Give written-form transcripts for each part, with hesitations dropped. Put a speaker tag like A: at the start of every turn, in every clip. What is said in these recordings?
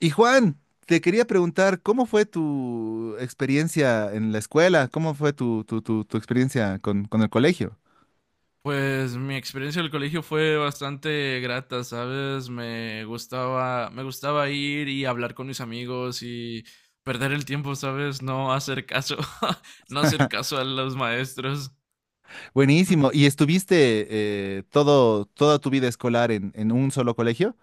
A: Y Juan, te quería preguntar, ¿cómo fue tu experiencia en la escuela? ¿Cómo fue tu experiencia con el colegio?
B: Pues mi experiencia del colegio fue bastante grata, ¿sabes? Me gustaba ir y hablar con mis amigos y perder el tiempo, ¿sabes? No hacer caso, no hacer caso a los maestros.
A: Buenísimo. ¿Y estuviste toda tu vida escolar en un solo colegio?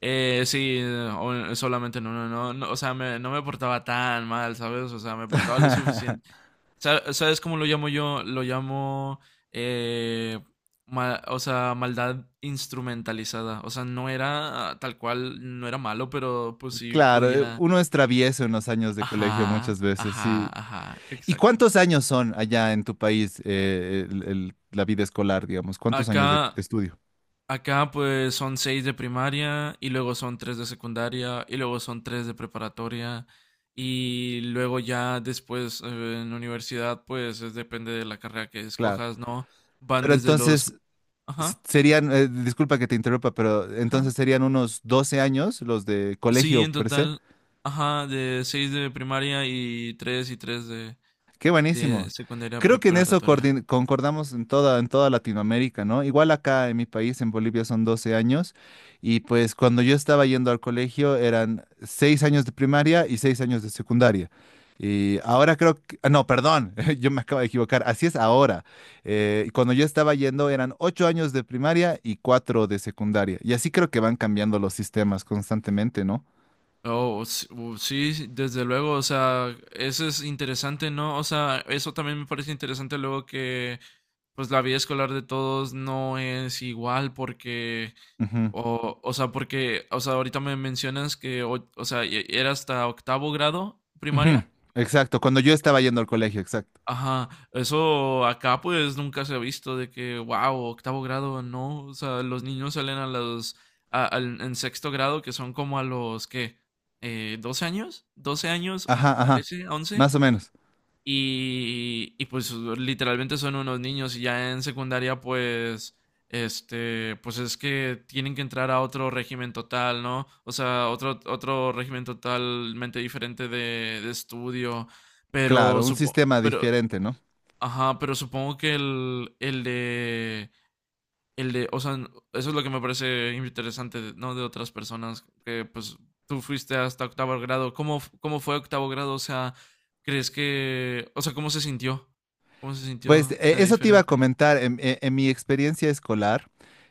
B: Sí, solamente no, no, no, no, o sea, no me portaba tan mal, ¿sabes? O sea, me portaba lo suficiente. ¿Sabes cómo lo llamo yo? Lo llamo eh, o sea, maldad instrumentalizada. O sea, no era tal cual, no era malo, pero pues sí
A: Claro,
B: podía.
A: uno es travieso en los años de colegio
B: Ajá,
A: muchas veces,
B: ajá,
A: sí.
B: ajá,
A: ¿Y
B: exacto.
A: cuántos años son allá en tu país la vida escolar, digamos? ¿Cuántos años de
B: Acá,
A: estudio?
B: acá pues son seis de primaria y luego son tres de secundaria y luego son tres de preparatoria y luego ya después en la universidad pues depende de la carrera que
A: Claro.
B: escojas, ¿no? Van
A: Pero
B: desde los...
A: entonces,
B: Ajá.
A: serían, disculpa que te interrumpa, pero entonces
B: Ajá.
A: serían unos 12 años los de
B: Sí,
A: colegio
B: en
A: per se.
B: total, ajá, de 6 de primaria y 3
A: Qué
B: de
A: buenísimo.
B: secundaria,
A: Creo que en eso
B: preparatoria.
A: concordamos en toda, Latinoamérica, ¿no? Igual acá en mi país, en Bolivia, son 12 años y pues cuando yo estaba yendo al colegio eran 6 años de primaria y 6 años de secundaria. Y ahora creo que, ah, no, perdón, yo me acabo de equivocar, así es ahora. Cuando yo estaba yendo eran 8 años de primaria y 4 de secundaria. Y así creo que van cambiando los sistemas constantemente, ¿no?
B: Oh, sí, sí, desde luego, o sea, eso es interesante, ¿no? O sea, eso también me parece interesante luego que, pues, la vida escolar de todos no es igual porque,
A: Ujú,
B: o sea, porque, o sea, ahorita me mencionas que, o sea, era hasta octavo grado
A: ujú.
B: primaria.
A: Exacto, cuando yo estaba yendo al colegio, exacto.
B: Ajá, eso acá pues nunca se ha visto de que, wow, octavo grado, no, o sea, los niños salen a los, en sexto grado, que son como a los, ¿qué? ¿12 años? ¿12 años?
A: Ajá, ajá.
B: ¿Trece? ¿Once?
A: Más o menos.
B: Y pues literalmente son unos niños y ya en secundaria pues, este, pues es que tienen que entrar a otro régimen total, ¿no? O sea, otro régimen totalmente diferente de estudio, pero
A: Claro, un
B: supongo...
A: sistema
B: Pero,
A: diferente, ¿no?
B: ajá, pero supongo que el de, o sea, eso es lo que me parece interesante, ¿no? De otras personas, que pues tú fuiste hasta octavo grado. ¿Cómo, cómo fue octavo grado? O sea, ¿crees que, o sea, cómo se sintió? ¿Cómo se
A: Pues
B: sintió de
A: eso te iba a
B: diferente?
A: comentar. En mi experiencia escolar,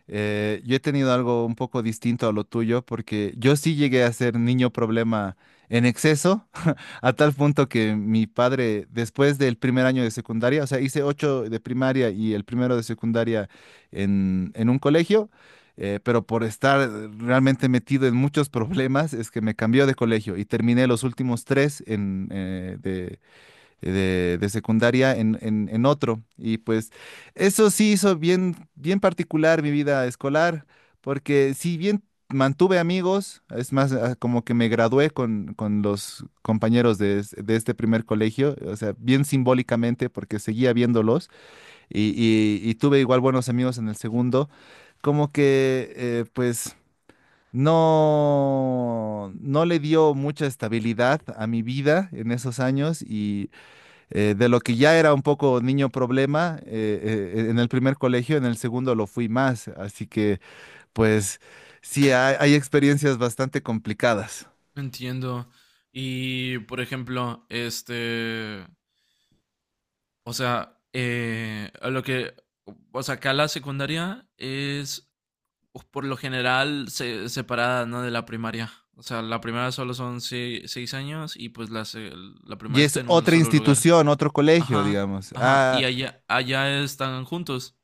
A: yo he tenido algo un poco distinto a lo tuyo, porque yo sí llegué a ser niño problema en exceso, a tal punto que mi padre, después del primer año de secundaria, o sea, hice 8 de primaria y el primero de secundaria en un colegio, pero por estar realmente metido en muchos problemas, es que me cambió de colegio y terminé los últimos 3 de secundaria en otro. Y pues eso sí hizo bien, bien particular mi vida escolar, porque si bien mantuve amigos, es más, como que me gradué con los compañeros de este primer colegio, o sea, bien simbólicamente, porque seguía viéndolos y, y tuve igual buenos amigos en el segundo, como que pues... No, no le dio mucha estabilidad a mi vida en esos años y de lo que ya era un poco niño problema, en el primer colegio, en el segundo lo fui más. Así que, pues, sí, hay experiencias bastante complicadas.
B: Entiendo. Y, por ejemplo, este, o sea, a lo que, o sea, acá la secundaria es, pues, por lo general separada, ¿no? De la primaria. O sea, la primaria solo son seis años y pues la
A: Y
B: primaria
A: es
B: está en un
A: otra
B: solo lugar.
A: institución, otro colegio,
B: Ajá,
A: digamos.
B: ajá. Y allá están juntos.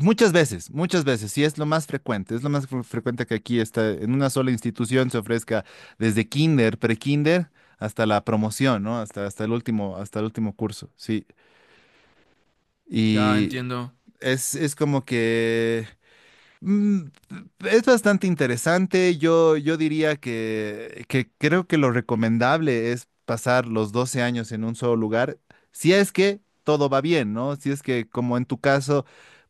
A: Muchas veces, muchas veces, sí es lo más frecuente. Es lo más frecuente que aquí está, en una sola institución se ofrezca desde kinder, pre-kinder, hasta la promoción, ¿no? Hasta, hasta el último curso, sí.
B: Ya
A: Y
B: entiendo.
A: es, como que Mm, es bastante interesante. Yo diría que, creo que lo recomendable es pasar los 12 años en un solo lugar, si es que todo va bien, ¿no? Si es que, como en tu caso,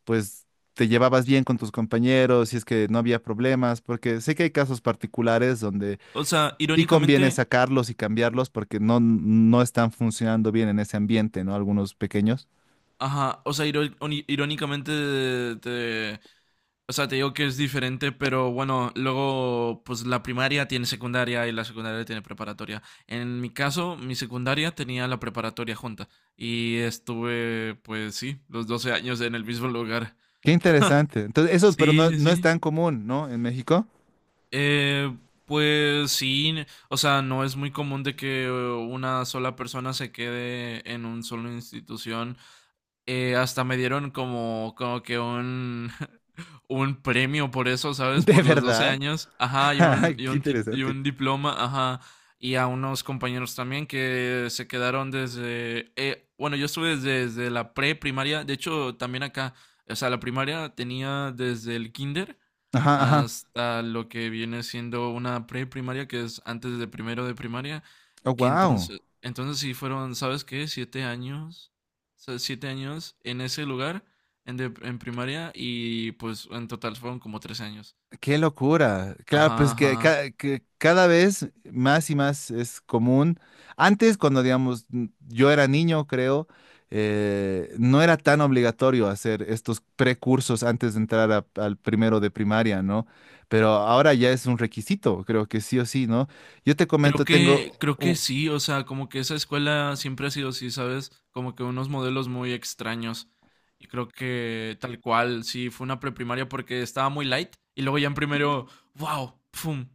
A: pues te llevabas bien con tus compañeros, si es que no había problemas, porque sé que hay casos particulares donde
B: O sea,
A: sí conviene
B: irónicamente,
A: sacarlos y cambiarlos porque no, no están funcionando bien en ese ambiente, ¿no? Algunos pequeños.
B: ajá. O sea, irónicamente te. O sea, te digo que es diferente, pero bueno, luego pues la primaria tiene secundaria y la secundaria tiene preparatoria. En mi caso, mi secundaria tenía la preparatoria junta y estuve, pues sí, los 12 años en el mismo lugar.
A: Qué interesante. Entonces, eso, pero
B: Sí,
A: no,
B: sí,
A: no es
B: sí.
A: tan común, ¿no? En México.
B: Eh, pues sí, o sea, no es muy común de que una sola persona se quede en un solo institución, hasta me dieron como, que un, un premio por eso, ¿sabes?
A: ¿De
B: Por los 12
A: verdad?
B: años, ajá,
A: Qué
B: y
A: interesante.
B: un diploma, ajá, y a unos compañeros también que se quedaron desde, bueno, yo estuve desde la pre-primaria, de hecho, también acá, o sea, la primaria tenía desde el kinder
A: Ajá, ajá.
B: hasta lo que viene siendo una pre-primaria, que es antes de primero de primaria.
A: Oh,
B: Que
A: wow.
B: entonces sí fueron, ¿sabes qué? 7 años, sea, 7 años en ese lugar, en primaria, y pues en total fueron como 3 años.
A: Qué locura. Claro,
B: Ajá,
A: pues que,
B: ajá.
A: que cada vez más y más es común. Antes, cuando digamos, yo era niño, creo, no era tan obligatorio hacer estos precursos antes de entrar al primero de primaria, ¿no? Pero ahora ya es un requisito, creo que sí o sí, ¿no? Yo te comento, tengo
B: Creo que
A: un-
B: sí, o sea, como que esa escuela siempre ha sido así, ¿sabes? Como que unos modelos muy extraños. Y creo que, tal cual, sí, fue una preprimaria porque estaba muy light. Y luego ya en primero, wow, pum.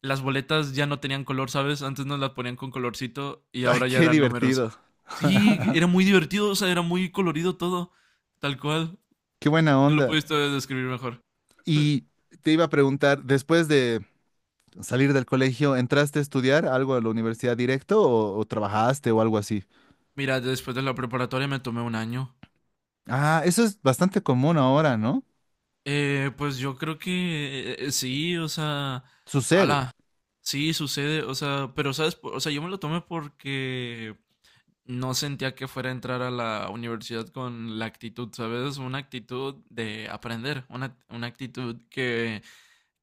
B: Las boletas ya no tenían color, ¿sabes? Antes nos las ponían con colorcito y
A: ¡Ay,
B: ahora ya
A: qué
B: eran números.
A: divertido!
B: Sí, era muy divertido, o sea, era muy colorido todo, tal cual.
A: ¡Qué buena
B: No lo
A: onda!
B: pudiste describir mejor.
A: Y te iba a preguntar, después de salir del colegio, ¿entraste a estudiar algo a la universidad directo o, trabajaste o algo así?
B: Mira, después de la preparatoria me tomé un año.
A: Ah, eso es bastante común ahora, ¿no?
B: Pues yo creo que sí, o sea,
A: Sucede.
B: ala, sí sucede, o sea, pero sabes, o sea, yo me lo tomé porque no sentía que fuera a entrar a la universidad con la actitud, ¿sabes? Una actitud de aprender, una actitud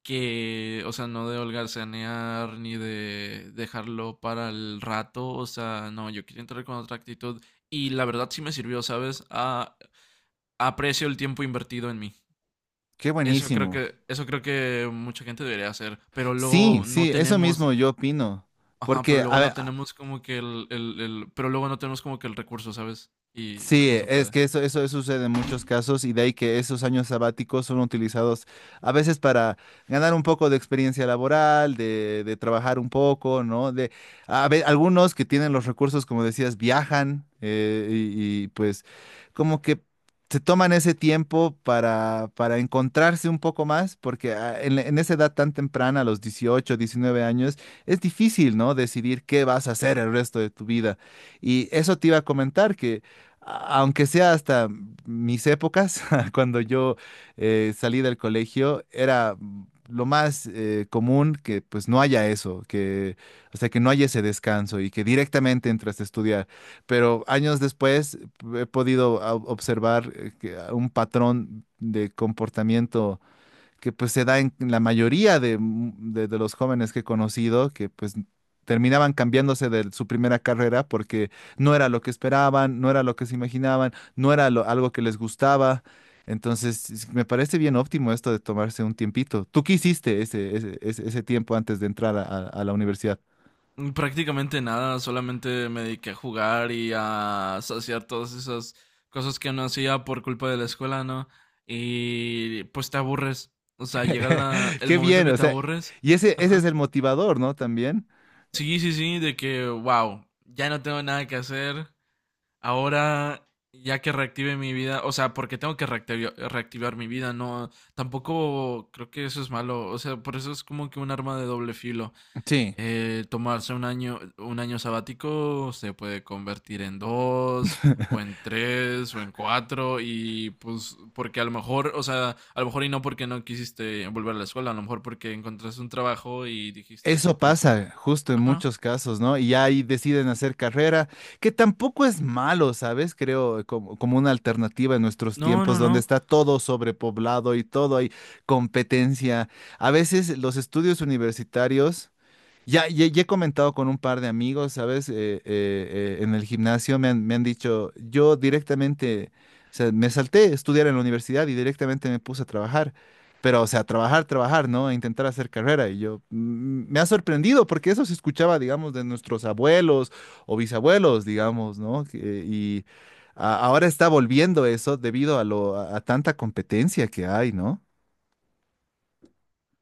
B: que, o sea, no de holgarzanear ni de dejarlo para el rato, o sea, no, yo quería entrar con otra actitud y la verdad sí me sirvió, ¿sabes? Aprecio el tiempo invertido en mí.
A: Qué buenísimo.
B: Eso creo que mucha gente debería hacer, pero
A: Sí,
B: luego no
A: sí, eso
B: tenemos,
A: mismo yo opino.
B: ajá,
A: Porque
B: pero luego no
A: a,
B: tenemos como que el, pero luego no tenemos como que el recurso, ¿sabes? Y
A: Sí,
B: no se
A: es
B: puede.
A: que eso, sucede en muchos casos y de ahí que esos años sabáticos son utilizados a veces para ganar un poco de experiencia laboral, de, trabajar un poco, ¿no? Algunos que tienen los recursos, como decías, viajan pues como que se toman ese tiempo para, encontrarse un poco más, porque en esa edad tan temprana, a los 18 19 años, es difícil, ¿no? Decidir qué vas a hacer el resto de tu vida. Y eso te iba a comentar que aunque sea hasta mis épocas, cuando yo salí del colegio, era lo más común que pues no haya eso, que, o sea, que no haya ese descanso y que directamente entras a estudiar. Pero años después he podido observar que, un patrón de comportamiento que pues se da en la mayoría de los jóvenes que he conocido, que pues terminaban cambiándose de su primera carrera porque no era lo que esperaban, no era lo que se imaginaban, no era algo que les gustaba. Entonces, me parece bien óptimo esto de tomarse un tiempito. ¿Tú qué hiciste ese tiempo antes de entrar a la universidad?
B: Prácticamente nada, solamente me dediqué a jugar y a saciar todas esas cosas que no hacía por culpa de la escuela, ¿no? Y pues te aburres. O sea, llega el
A: Qué
B: momento
A: bien,
B: en que
A: o
B: te
A: sea,
B: aburres.
A: y ese, es
B: Ajá.
A: el motivador, ¿no? También.
B: Sí, sí, sí, de que, wow, ya no tengo nada que hacer. Ahora, ya que reactive mi vida, o sea, porque tengo que reactivar mi vida, no, tampoco creo que eso es malo, o sea, por eso es como que un arma de doble filo.
A: Sí.
B: Tomarse un año sabático se puede convertir en dos, o en tres, o en cuatro, y pues porque a lo mejor, o sea, a lo mejor y no porque no quisiste volver a la escuela, a lo mejor porque encontraste un trabajo y dijiste, no,
A: Eso
B: pues,
A: pasa justo en
B: ajá,
A: muchos casos, ¿no? Y ahí deciden hacer carrera, que tampoco es malo, ¿sabes? Creo como, como una alternativa en nuestros
B: no,
A: tiempos
B: no,
A: donde
B: no.
A: está todo sobrepoblado y todo hay competencia. A veces los estudios universitarios ya he comentado con un par de amigos, ¿sabes? En el gimnasio me han dicho, yo directamente, o sea, me salté a estudiar en la universidad y directamente me puse a trabajar. Pero, o sea, trabajar, trabajar, ¿no? A intentar hacer carrera. Y yo, me ha sorprendido porque eso se escuchaba, digamos, de nuestros abuelos o bisabuelos, digamos, ¿no? Que- y ahora está volviendo eso debido a lo, a tanta competencia que hay, ¿no?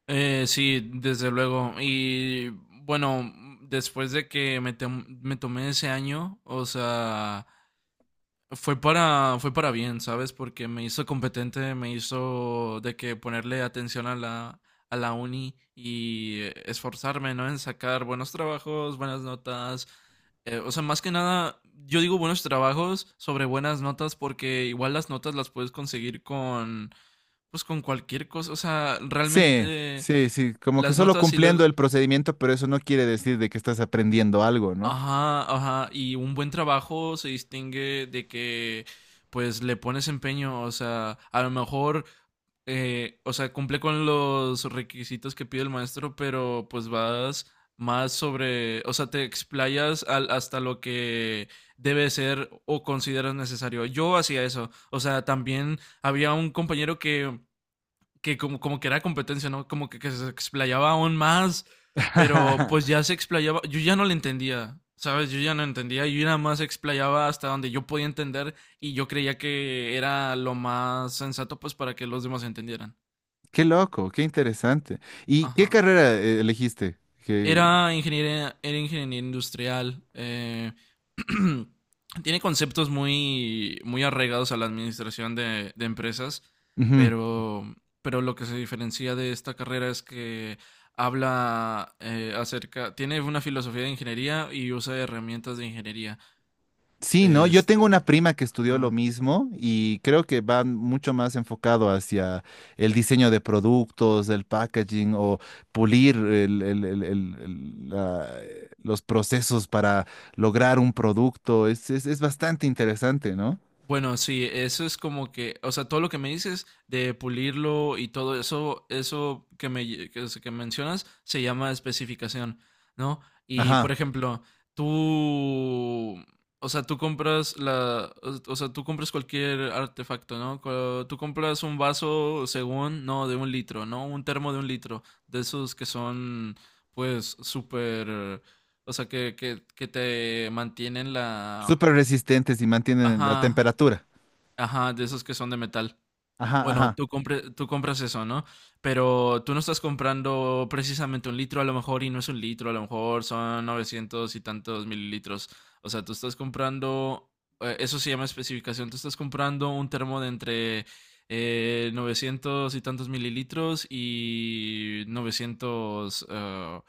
B: Sí, desde luego. Y bueno, después de que me tomé ese año, o sea, fue para bien, ¿sabes? Porque me hizo competente, me hizo de que ponerle atención a la uni y esforzarme, ¿no? En sacar buenos trabajos, buenas notas. O sea, más que nada, yo digo buenos trabajos sobre buenas notas porque igual las notas las puedes conseguir con, pues, con cualquier cosa. O sea,
A: Sí,
B: realmente
A: sí, sí, como que
B: las
A: solo
B: notas y
A: cumpliendo
B: luego,
A: el procedimiento, pero eso no quiere decir de que estás aprendiendo algo, ¿no?
B: ajá, ajá, y un buen trabajo se distingue de que, pues, le pones empeño, o sea, a lo mejor, o sea, cumple con los requisitos que pide el maestro, pero pues vas más sobre, o sea, te explayas hasta lo que debe ser o consideras necesario. Yo hacía eso, o sea, también había un compañero que, como que era competencia, ¿no? Como que se explayaba aún más, pero pues ya se explayaba, yo ya no le entendía, ¿sabes? Yo ya no entendía, yo nada más explayaba hasta donde yo podía entender, y yo creía que era lo más sensato pues para que los demás entendieran.
A: Qué loco, qué interesante. ¿Y qué
B: Ajá.
A: carrera elegiste? Que...
B: Era ingeniero industrial. Tiene conceptos muy, muy arraigados a la administración de empresas,
A: Ujú.
B: pero, pero lo que se diferencia de esta carrera es que habla acerca, tiene una filosofía de ingeniería y usa herramientas de ingeniería.
A: Sí, ¿no? Yo tengo
B: Este,
A: una prima que estudió lo
B: ajá.
A: mismo y creo que va mucho más enfocado hacia el diseño de productos, el packaging o pulir el- la- los procesos para lograr un producto. Es bastante interesante, ¿no?
B: Bueno, sí, eso es como que, o sea, todo lo que me dices de pulirlo y todo eso, eso que que mencionas se llama especificación, ¿no? Y por
A: Ajá.
B: ejemplo, tú, o sea, tú compras la, o sea, tú compras cualquier artefacto, ¿no? Tú compras un vaso según, no, de un litro, ¿no? Un termo de un litro, de esos que son, pues, súper, o sea, que te mantienen la,
A: Súper resistentes y mantienen la
B: ajá.
A: temperatura.
B: Ajá, de esos que son de metal.
A: Ajá,
B: Bueno,
A: ajá.
B: tú compras eso, ¿no? Pero tú no estás comprando precisamente un litro, a lo mejor, y no es un litro, a lo mejor son 900 y tantos mililitros. O sea, tú estás comprando, eso se llama especificación, tú estás comprando un termo de entre 900 y tantos mililitros y 900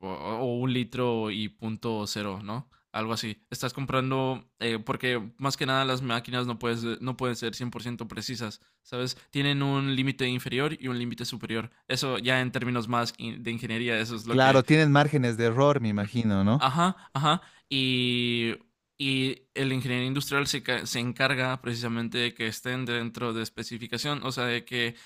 B: o un litro y punto cero, ¿no? Algo así. Estás comprando, porque más que nada las máquinas no pueden ser 100% precisas. ¿Sabes? Tienen un límite inferior y un límite superior. Eso ya en términos más de ingeniería, eso es lo que...
A: Claro, tienen márgenes de error, me imagino, ¿no?
B: Ajá, ajá. Y, y el ingeniero industrial se encarga precisamente de que estén dentro de especificación, o sea, de que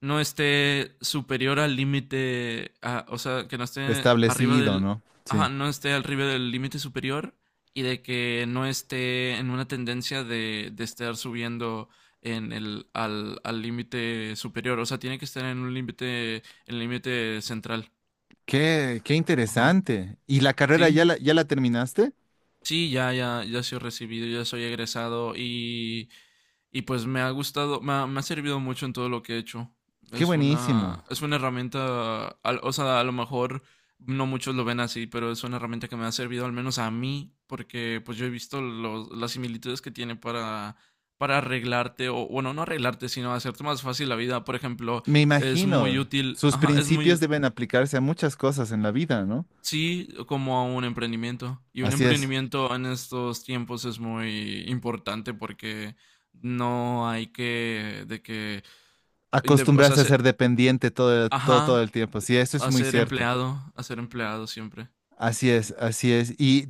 B: no esté superior al límite, o sea, que no esté arriba
A: Establecido,
B: del,
A: ¿no?
B: ajá,
A: Sí.
B: no esté arriba del límite superior y de que no esté en una tendencia de estar subiendo en al límite superior, o sea, tiene que estar en un límite, el límite central.
A: Qué
B: Ajá.
A: interesante. ¿Y la carrera
B: Sí,
A: ya la terminaste?
B: sí, ya, ya, ya soy recibido, ya soy egresado y pues me ha gustado, me ha servido mucho en todo lo que he hecho.
A: Qué buenísimo.
B: Es una herramienta, o sea, a lo mejor no muchos lo ven así, pero es una herramienta que me ha servido al menos a mí, porque pues yo he visto las similitudes que tiene para, arreglarte, o bueno, no arreglarte, sino hacerte más fácil la vida. Por ejemplo,
A: Me
B: es muy
A: imagino,
B: útil,
A: sus
B: ajá, es
A: principios
B: muy...
A: deben aplicarse a muchas cosas en la vida, ¿no?
B: Sí, como a un emprendimiento. Y un
A: Así es.
B: emprendimiento en estos tiempos es muy importante porque no hay que, de que, o sea,
A: Acostumbrarse a ser dependiente todo
B: ajá,
A: el tiempo. Sí, eso es muy cierto.
B: a ser empleado siempre.
A: Así es, así es. Y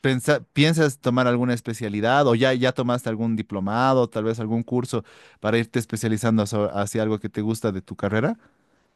A: ¿piensas tomar alguna especialidad o ya, tomaste algún diplomado, tal vez algún curso para irte especializando hacia algo que te gusta de tu carrera?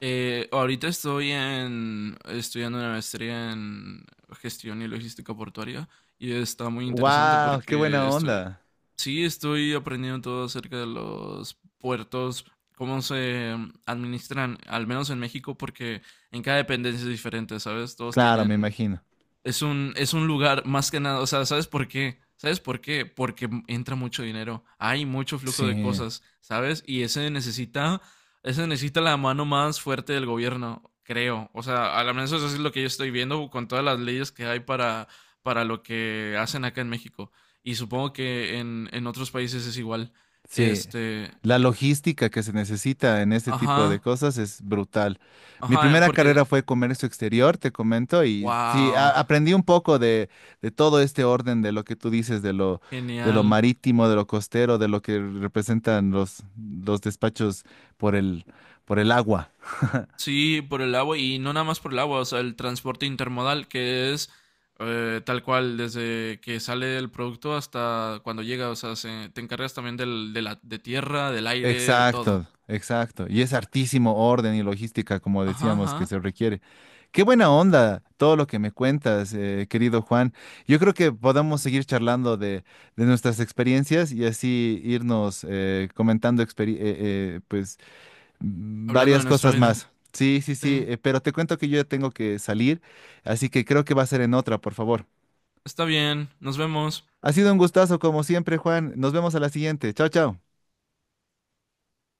B: Ahorita estoy estudiando una maestría en gestión y logística portuaria y está muy interesante
A: ¡Wow! ¡Qué buena
B: porque estoy,
A: onda!
B: sí, estoy aprendiendo todo acerca de los puertos, cómo se administran, al menos en México, porque en cada dependencia es diferente, ¿sabes? Todos
A: Claro, me
B: tienen,
A: imagino.
B: es un lugar más que nada, o sea, ¿sabes por qué? ¿Sabes por qué? Porque entra mucho dinero, hay mucho flujo de
A: Sí.
B: cosas, ¿sabes? Y ese necesita la mano más fuerte del gobierno, creo. O sea, a lo menos eso es lo que yo estoy viendo con todas las leyes que hay para, lo que hacen acá en México. Y supongo que en otros países es igual.
A: Sí,
B: Este,
A: la logística que se necesita en este tipo de
B: ajá,
A: cosas es brutal. Mi
B: ajá,
A: primera
B: porque,
A: carrera fue comercio exterior, te comento, y sí,
B: wow,
A: aprendí un poco de todo este orden de lo que tú dices, de lo
B: genial.
A: marítimo, de lo costero, de lo que representan los despachos por el, por el agua.
B: Sí, por el agua y no nada más por el agua, o sea, el transporte intermodal que es tal cual desde que sale el producto hasta cuando llega, o sea, te encargas también del, de la de tierra, del aire, de todo.
A: Exacto, exacto. Y es hartísimo orden y logística, como
B: Ajá,
A: decíamos, que
B: ajá.
A: se requiere. Qué buena onda todo lo que me cuentas, querido Juan. Yo creo que podamos seguir charlando de nuestras experiencias y así irnos comentando pues,
B: Hablando de
A: varias
B: nuestra
A: cosas
B: vida.
A: más. Sí, sí, sí,
B: Sí.
A: pero te cuento que yo ya tengo que salir, así que creo que va a ser en otra, por favor.
B: Está bien, nos vemos.
A: Ha sido un gustazo como siempre, Juan. Nos vemos a la siguiente. Chao, chao.